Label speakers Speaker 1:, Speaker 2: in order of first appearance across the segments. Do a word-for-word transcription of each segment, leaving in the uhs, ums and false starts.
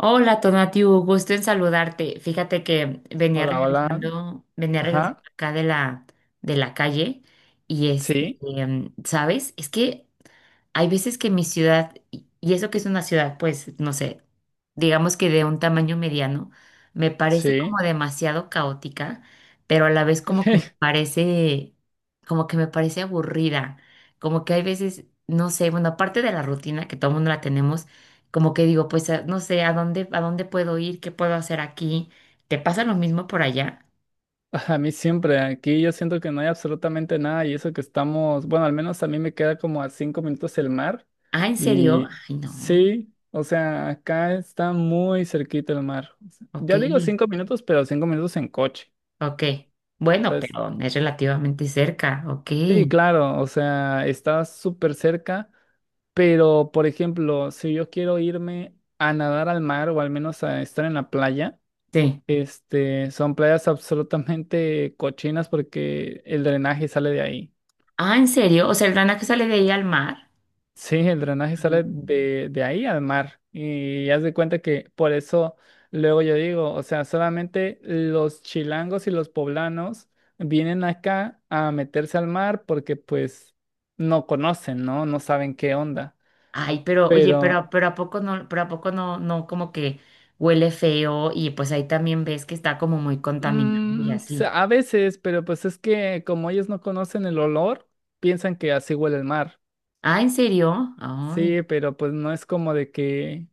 Speaker 1: Hola, Tonatiu, gusto en saludarte. Fíjate que venía
Speaker 2: Hola, hola.
Speaker 1: regresando, venía regresando
Speaker 2: Ajá,
Speaker 1: acá de la, de la calle y este,
Speaker 2: sí,
Speaker 1: em, ¿sabes? Es que hay veces que mi ciudad, y y eso que es una ciudad, pues, no sé, digamos que de un tamaño mediano, me parece como
Speaker 2: sí.
Speaker 1: demasiado caótica, pero a la vez como que me parece, como que me parece aburrida, como que hay veces, no sé, bueno, aparte de la rutina que todo el mundo la tenemos, como que digo, pues a- no sé, ¿a dónde, a dónde puedo ir? ¿Qué puedo hacer aquí? ¿Te pasa lo mismo por allá?
Speaker 2: A mí siempre, aquí yo siento que no hay absolutamente nada y eso que estamos, bueno, al menos a mí me queda como a cinco minutos el mar
Speaker 1: Ah, ¿en serio?
Speaker 2: y
Speaker 1: Ay, no.
Speaker 2: sí, o sea, acá está muy cerquita el mar. O sea,
Speaker 1: Ok,
Speaker 2: Ya digo cinco minutos, pero cinco minutos en coche.
Speaker 1: ok. Bueno,
Speaker 2: Entonces,
Speaker 1: pero es relativamente cerca, ok.
Speaker 2: sí, claro, o sea, está súper cerca, pero por ejemplo, si yo quiero irme a nadar al mar o al menos a estar en la playa.
Speaker 1: Sí.
Speaker 2: Este, son playas absolutamente cochinas porque el drenaje sale de ahí.
Speaker 1: Ah, ¿en serio? O sea, el Rana que sale de ahí al mar.
Speaker 2: Sí, el drenaje sale
Speaker 1: Ah.
Speaker 2: de, de ahí al mar. Y haz de cuenta que por eso luego yo digo, o sea, solamente los chilangos y los poblanos vienen acá a meterse al mar porque pues no conocen, ¿no? No saben qué onda.
Speaker 1: Ay, pero oye,
Speaker 2: Pero
Speaker 1: pero, pero a poco no, pero a poco no, no como que huele feo y pues ahí también ves que está como muy contaminado y
Speaker 2: mm, se-
Speaker 1: así.
Speaker 2: a veces, pero pues es que como ellos no conocen el olor, piensan que así huele el mar.
Speaker 1: Ah, ¿en serio? Ay,
Speaker 2: Sí, pero pues no es como de que,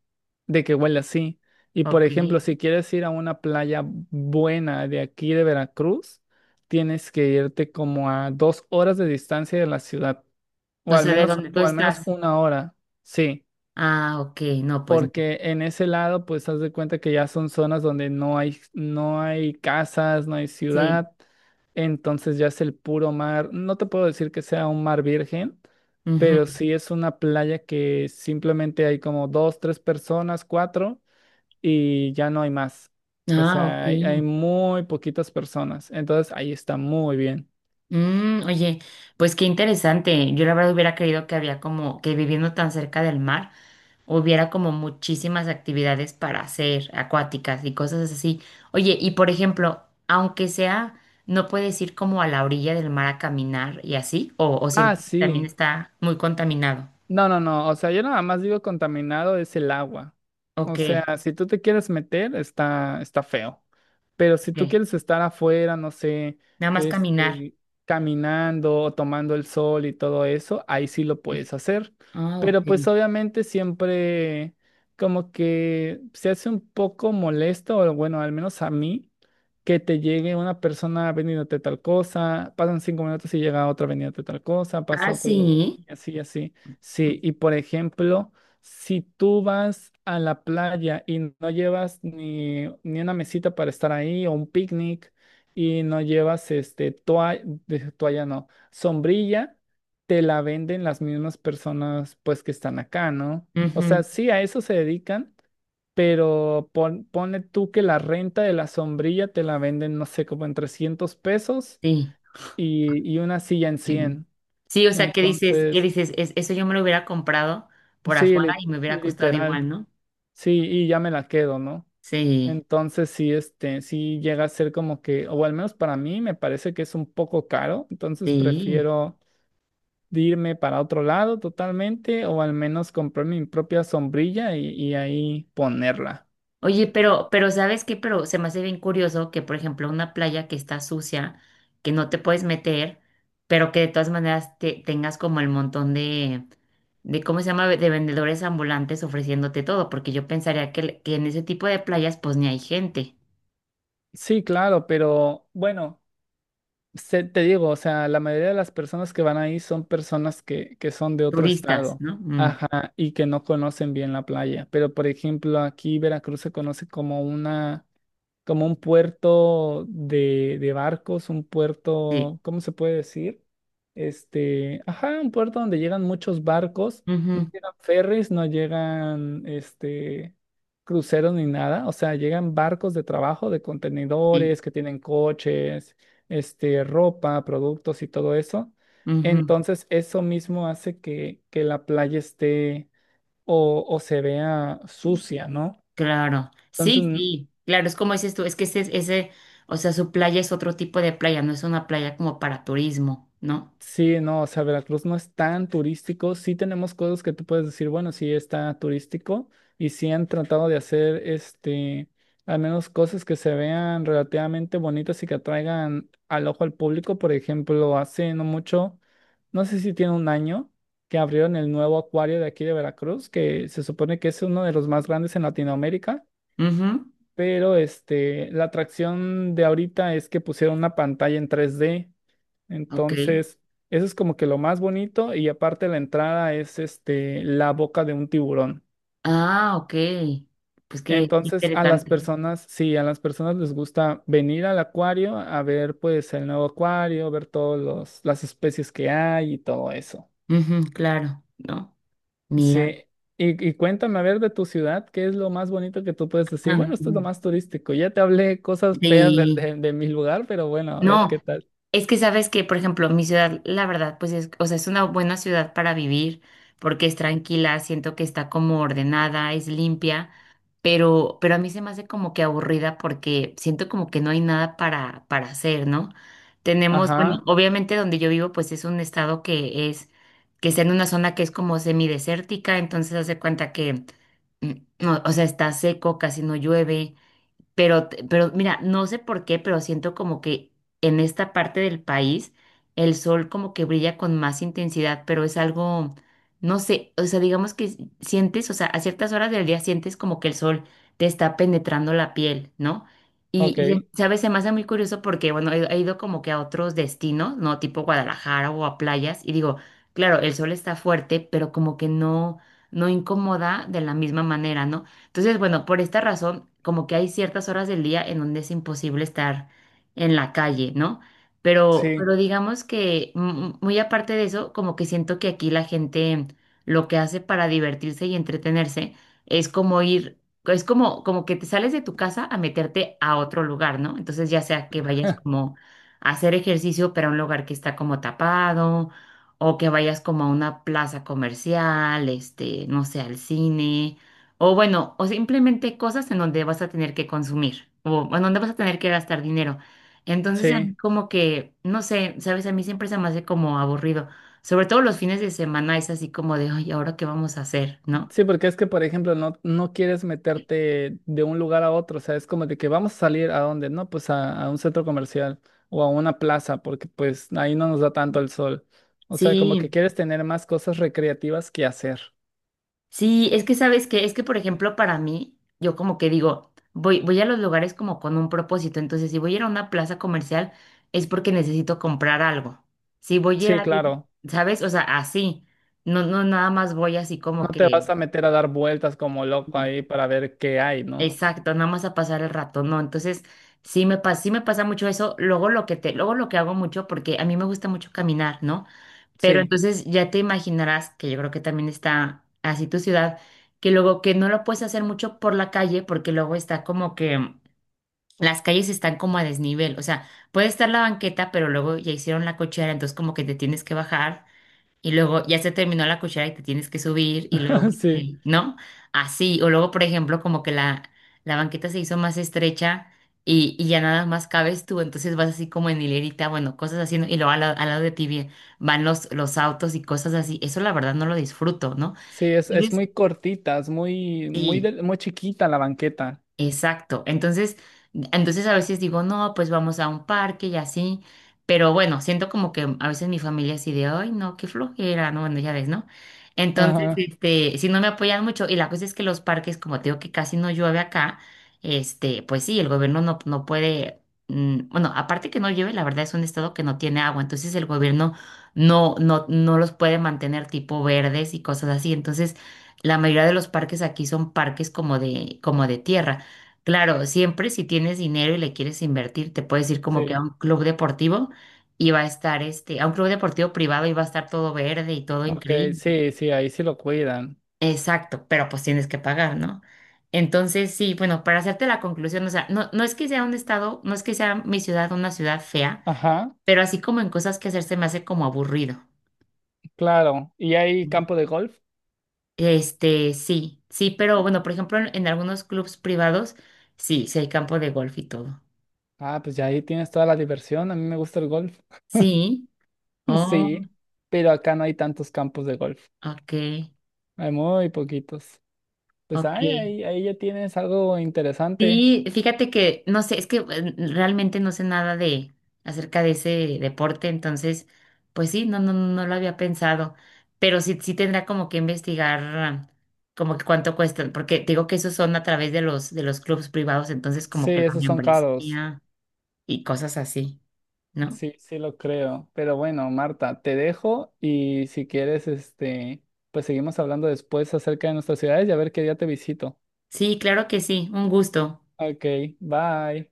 Speaker 2: de que huela así. Y por
Speaker 1: ok.
Speaker 2: ejemplo, si quieres ir a una playa buena de aquí de Veracruz, tienes que irte como a dos horas de distancia de la ciudad, o
Speaker 1: No
Speaker 2: al
Speaker 1: sé de
Speaker 2: menos,
Speaker 1: dónde tú
Speaker 2: o al menos
Speaker 1: estás.
Speaker 2: una hora. Sí.
Speaker 1: Ah, ok, no, pues no.
Speaker 2: Porque en ese lado, pues, haz de cuenta que ya son zonas donde no hay, no hay casas, no hay
Speaker 1: Sí.
Speaker 2: ciudad. Entonces ya es el puro mar. No te puedo decir que sea un mar virgen,
Speaker 1: Ujú.
Speaker 2: pero sí es una playa que simplemente hay como dos, tres personas, cuatro, y ya no hay más. O
Speaker 1: Ah, ok.
Speaker 2: sea, hay, hay muy poquitas personas. Entonces ahí está muy bien.
Speaker 1: Mm, oye, pues qué interesante. Yo la verdad hubiera creído que había como que viviendo tan cerca del mar hubiera como muchísimas actividades para hacer, acuáticas y cosas así. Oye, y por ejemplo, aunque sea, ¿no puedes ir como a la orilla del mar a caminar y así? ¿O, o
Speaker 2: Ah,
Speaker 1: sientes que también
Speaker 2: sí.
Speaker 1: está muy contaminado?
Speaker 2: No, no, no. O sea, yo nada más digo contaminado es el agua. O
Speaker 1: Ok,
Speaker 2: sea, si tú te quieres meter, está, está feo. Pero si tú
Speaker 1: ok.
Speaker 2: quieres estar afuera, no sé,
Speaker 1: Nada más caminar.
Speaker 2: este, caminando o tomando el sol y todo eso, ahí sí lo puedes hacer.
Speaker 1: Ah, ok.
Speaker 2: Pero pues obviamente siempre como que se hace un poco molesto, o bueno, al menos a mí, que te llegue una persona vendiéndote tal cosa, pasan cinco minutos y llega otra vendiéndote tal cosa, pasa
Speaker 1: Ah,
Speaker 2: otro y
Speaker 1: sí.
Speaker 2: así, así. Sí, y por ejemplo, si tú vas a la playa y no llevas ni, ni una mesita para estar ahí o un picnic y no llevas este toalla, toalla no, sombrilla, te la venden las mismas personas pues que están acá, ¿no? O sea,
Speaker 1: Ujú,
Speaker 2: sí, a eso se dedican, pero pon- ponle tú que la renta de la sombrilla te la venden, no sé, como en trescientos pesos
Speaker 1: sí.
Speaker 2: y, y una silla en
Speaker 1: Ay, no.
Speaker 2: cien.
Speaker 1: Sí, o sea, ¿qué dices? ¿Qué
Speaker 2: Entonces,
Speaker 1: dices? Es- eso yo me lo hubiera comprado por
Speaker 2: sí,
Speaker 1: afuera
Speaker 2: lit-
Speaker 1: y me hubiera costado igual,
Speaker 2: literal.
Speaker 1: ¿no?
Speaker 2: Sí, y ya me la quedo, ¿no?
Speaker 1: Sí,
Speaker 2: Entonces sí, este, sí llega a ser como que, o al menos para mí me parece que es un poco caro, entonces
Speaker 1: sí.
Speaker 2: prefiero de irme para otro lado totalmente, o al menos comprar mi propia sombrilla y, y ahí ponerla.
Speaker 1: Oye, pero, pero ¿sabes qué? Pero se me hace bien curioso que, por ejemplo, una playa que está sucia, que no te puedes meter, pero que de todas maneras te, tengas como el montón de, de, ¿cómo se llama? De vendedores ambulantes ofreciéndote todo, porque yo pensaría que, que en ese tipo de playas pues ni hay gente,
Speaker 2: Sí, claro, pero bueno, se- te digo, o sea, la mayoría de las personas que van ahí son personas que, que son de otro
Speaker 1: turistas,
Speaker 2: estado,
Speaker 1: ¿no? Mm,
Speaker 2: ajá, y que no conocen bien la playa, pero por ejemplo aquí Veracruz se conoce como una como un puerto de, de barcos, un
Speaker 1: sí.
Speaker 2: puerto, ¿cómo se puede decir? Este, ajá, un puerto donde llegan muchos barcos, no
Speaker 1: Ujú,
Speaker 2: llegan ferries, no llegan este cruceros ni nada, o sea, llegan barcos de trabajo, de
Speaker 1: sí.
Speaker 2: contenedores que tienen coches, este, ropa, productos y todo eso.
Speaker 1: Ujú.
Speaker 2: Entonces, eso mismo hace que, que la playa esté o, o se vea sucia, ¿no?
Speaker 1: Claro, sí,
Speaker 2: Entonces,
Speaker 1: sí, claro, es como dices tú, es que ese, ese, o sea, su playa es otro tipo de playa, no es una playa como para turismo, ¿no?
Speaker 2: sí, no, o sea, Veracruz no es tan turístico. Sí tenemos cosas que tú puedes decir, bueno, sí está turístico y sí han tratado de hacer, este, al menos cosas que se vean relativamente bonitas y que atraigan al ojo al público. Por ejemplo, hace no mucho, no sé si tiene un año, que abrieron el nuevo acuario de aquí de Veracruz, que se supone que es uno de los más grandes en Latinoamérica,
Speaker 1: Mhm.
Speaker 2: pero este, la atracción de ahorita es que pusieron una pantalla en tres D.
Speaker 1: Ok.
Speaker 2: Entonces, eso es como que lo más bonito y aparte la entrada es este la boca de un tiburón.
Speaker 1: Ah, ok. Pues qué
Speaker 2: Entonces, a las
Speaker 1: interesante.
Speaker 2: personas, sí, a las personas les gusta venir al acuario a ver pues el nuevo acuario, ver todas las especies que hay y todo eso.
Speaker 1: Ujú, claro, ¿no? Mira.
Speaker 2: Sí. Y, y cuéntame, a ver, de tu ciudad, ¿qué es lo más bonito que tú puedes decir? Bueno, esto es lo
Speaker 1: Ujú.
Speaker 2: más turístico. Ya te hablé cosas feas de,
Speaker 1: Sí.
Speaker 2: de de mi lugar, pero bueno, a ver,
Speaker 1: No,
Speaker 2: ¿qué tal?
Speaker 1: es que sabes que, por ejemplo, mi ciudad, la verdad, pues es, o sea, es una buena ciudad para vivir porque es tranquila, siento que está como ordenada, es limpia, pero, pero a mí se me hace como que aburrida porque siento como que no hay nada para, para hacer, ¿no? Tenemos, bueno,
Speaker 2: Ajá,
Speaker 1: obviamente donde yo vivo, pues es un estado que es, que está en una zona que es como semidesértica, entonces hace cuenta que, mm, no, o sea, está seco, casi no llueve pero, te- pero mira, no sé por qué, pero siento como que en esta parte del país el sol como que brilla con más intensidad, pero es algo, no sé, o sea, digamos que s- sientes, o sea, a ciertas horas del día sientes como que el sol te está penetrando la piel, ¿no? Y,
Speaker 2: ok,
Speaker 1: y se- sabes, se me hace muy curioso porque, bueno, he, he ido como que a otros destinos, ¿no? Tipo Guadalajara o a playas, y digo, claro, el sol está fuerte, pero como que no, no incomoda de la misma manera, ¿no? Entonces, bueno, por esta razón, como que hay ciertas horas del día en donde es imposible estar en la calle, ¿no? Pero,
Speaker 2: sí,
Speaker 1: pero digamos que mm, muy aparte de eso, como que siento que aquí la gente lo que hace para divertirse y entretenerse es como ir, es como, como que te sales de tu casa a meterte a otro lugar, ¿no? Entonces, ya sea que vayas como a hacer ejercicio, pero a un lugar que está como tapado, o que vayas como a una plaza comercial, este, no sé, al cine. O bueno, o simplemente cosas en donde vas a tener que consumir o en donde vas a tener que gastar dinero. Entonces, a
Speaker 2: sí.
Speaker 1: mí como que, no sé, sabes, a mí siempre se me hace como aburrido. Sobre todo los fines de semana es así como de, ay, ¿ahora qué vamos a hacer? ¿No?
Speaker 2: Sí, porque es que, por ejemplo, no, no quieres meterte de un lugar a otro, o sea, es como de que vamos a salir a dónde, ¿no? Pues a, a un centro comercial o a una plaza, porque pues ahí no nos da tanto el sol. O sea, como que
Speaker 1: Sí,
Speaker 2: quieres tener más cosas recreativas que hacer.
Speaker 1: sí, es que sabes que, es que por ejemplo para mí, yo como que digo, voy, voy a los lugares como con un propósito. Entonces, si voy a ir a una plaza comercial es porque necesito comprar algo. Si voy a ir
Speaker 2: Sí,
Speaker 1: a,
Speaker 2: claro,
Speaker 1: ¿sabes? O sea, así. No, no, nada más voy así como
Speaker 2: no te vas
Speaker 1: que
Speaker 2: a meter a dar vueltas como loco
Speaker 1: sí.
Speaker 2: ahí para ver qué hay, ¿no?
Speaker 1: Exacto, nada más a pasar el rato, ¿no? Entonces, sí me pasa, sí me pasa mucho eso. Luego lo que te, luego lo que hago mucho, porque a mí me gusta mucho caminar, ¿no? Pero
Speaker 2: Sí,
Speaker 1: entonces ya te imaginarás, que yo creo que también está así tu ciudad, que luego que no lo puedes hacer mucho por la calle, porque luego está como que las calles están como a desnivel. O sea, puede estar la banqueta, pero luego ya hicieron la cochera, entonces como que te tienes que bajar. Y luego ya se terminó la cuchara y te tienes que subir y luego,
Speaker 2: sí,
Speaker 1: este, ¿no? Así. O luego, por ejemplo, como que la, la banqueta se hizo más estrecha y, y ya nada más cabes tú, entonces vas así como en hilerita, bueno, cosas así, ¿no? Y luego al, lado al lado de ti vi- van los, los autos y cosas así. Eso la verdad no lo disfruto, ¿no?
Speaker 2: sí, es, es
Speaker 1: Entonces,
Speaker 2: muy cortita, es muy, muy,
Speaker 1: sí.
Speaker 2: del- muy chiquita la banqueta.
Speaker 1: Exacto. Entonces, entonces a veces digo, no, pues vamos a un parque y así. Pero bueno, siento como que a veces mi familia así de, ay, no, qué flojera, no, bueno, ya ves, ¿no? Entonces,
Speaker 2: Ajá,
Speaker 1: este, si no me apoyan mucho, y la cosa es que los parques, como te digo que casi no llueve acá, este, pues sí, el gobierno no, no puede, mm, bueno, aparte que no llueve, la verdad es un estado que no tiene agua, entonces el gobierno no, no, no los puede mantener tipo verdes y cosas así. Entonces, la mayoría de los parques aquí son parques como de, como de tierra. Claro, siempre si tienes dinero y le quieres invertir, te puedes ir como que a
Speaker 2: sí,
Speaker 1: un club deportivo y va a estar este, a un club deportivo privado y va a estar todo verde y todo
Speaker 2: ok,
Speaker 1: increíble.
Speaker 2: sí, sí, ahí sí lo cuidan.
Speaker 1: Exacto, pero pues tienes que pagar, ¿no? Entonces, sí, bueno, para hacerte la conclusión, o sea, no, no es que sea un estado, no es que sea mi ciudad una ciudad fea,
Speaker 2: Ajá.
Speaker 1: pero así como en cosas que hacerse me hace como aburrido.
Speaker 2: Claro, ¿y hay
Speaker 1: Mm.
Speaker 2: campo de golf?
Speaker 1: Este, sí, sí, pero bueno, por ejemplo, en, en algunos clubs privados, sí, sí hay campo de golf y todo.
Speaker 2: Ah, pues ya ahí tienes toda la diversión. A mí me gusta el golf.
Speaker 1: Sí, oh,
Speaker 2: Sí, pero acá no hay tantos campos de golf.
Speaker 1: ok.
Speaker 2: Hay muy poquitos. Pues
Speaker 1: Ok.
Speaker 2: ay, ahí, ahí ya tienes algo interesante.
Speaker 1: Sí, fíjate que no sé, es que eh, realmente no sé nada de acerca de ese deporte, entonces, pues sí, no, no, no lo había pensado, pero sí, sí tendrá como que investigar ah, como que cuánto cuestan, porque te digo que esos son a través de los de los clubes privados, entonces
Speaker 2: Sí,
Speaker 1: como que la
Speaker 2: esos son caros.
Speaker 1: membresía y cosas así, ¿no?
Speaker 2: Sí, sí lo creo. Pero bueno, Marta, te dejo y si quieres, este, pues seguimos hablando después acerca de nuestras ciudades y a ver qué día te visito.
Speaker 1: Sí, claro que sí, un gusto.
Speaker 2: Ok, bye.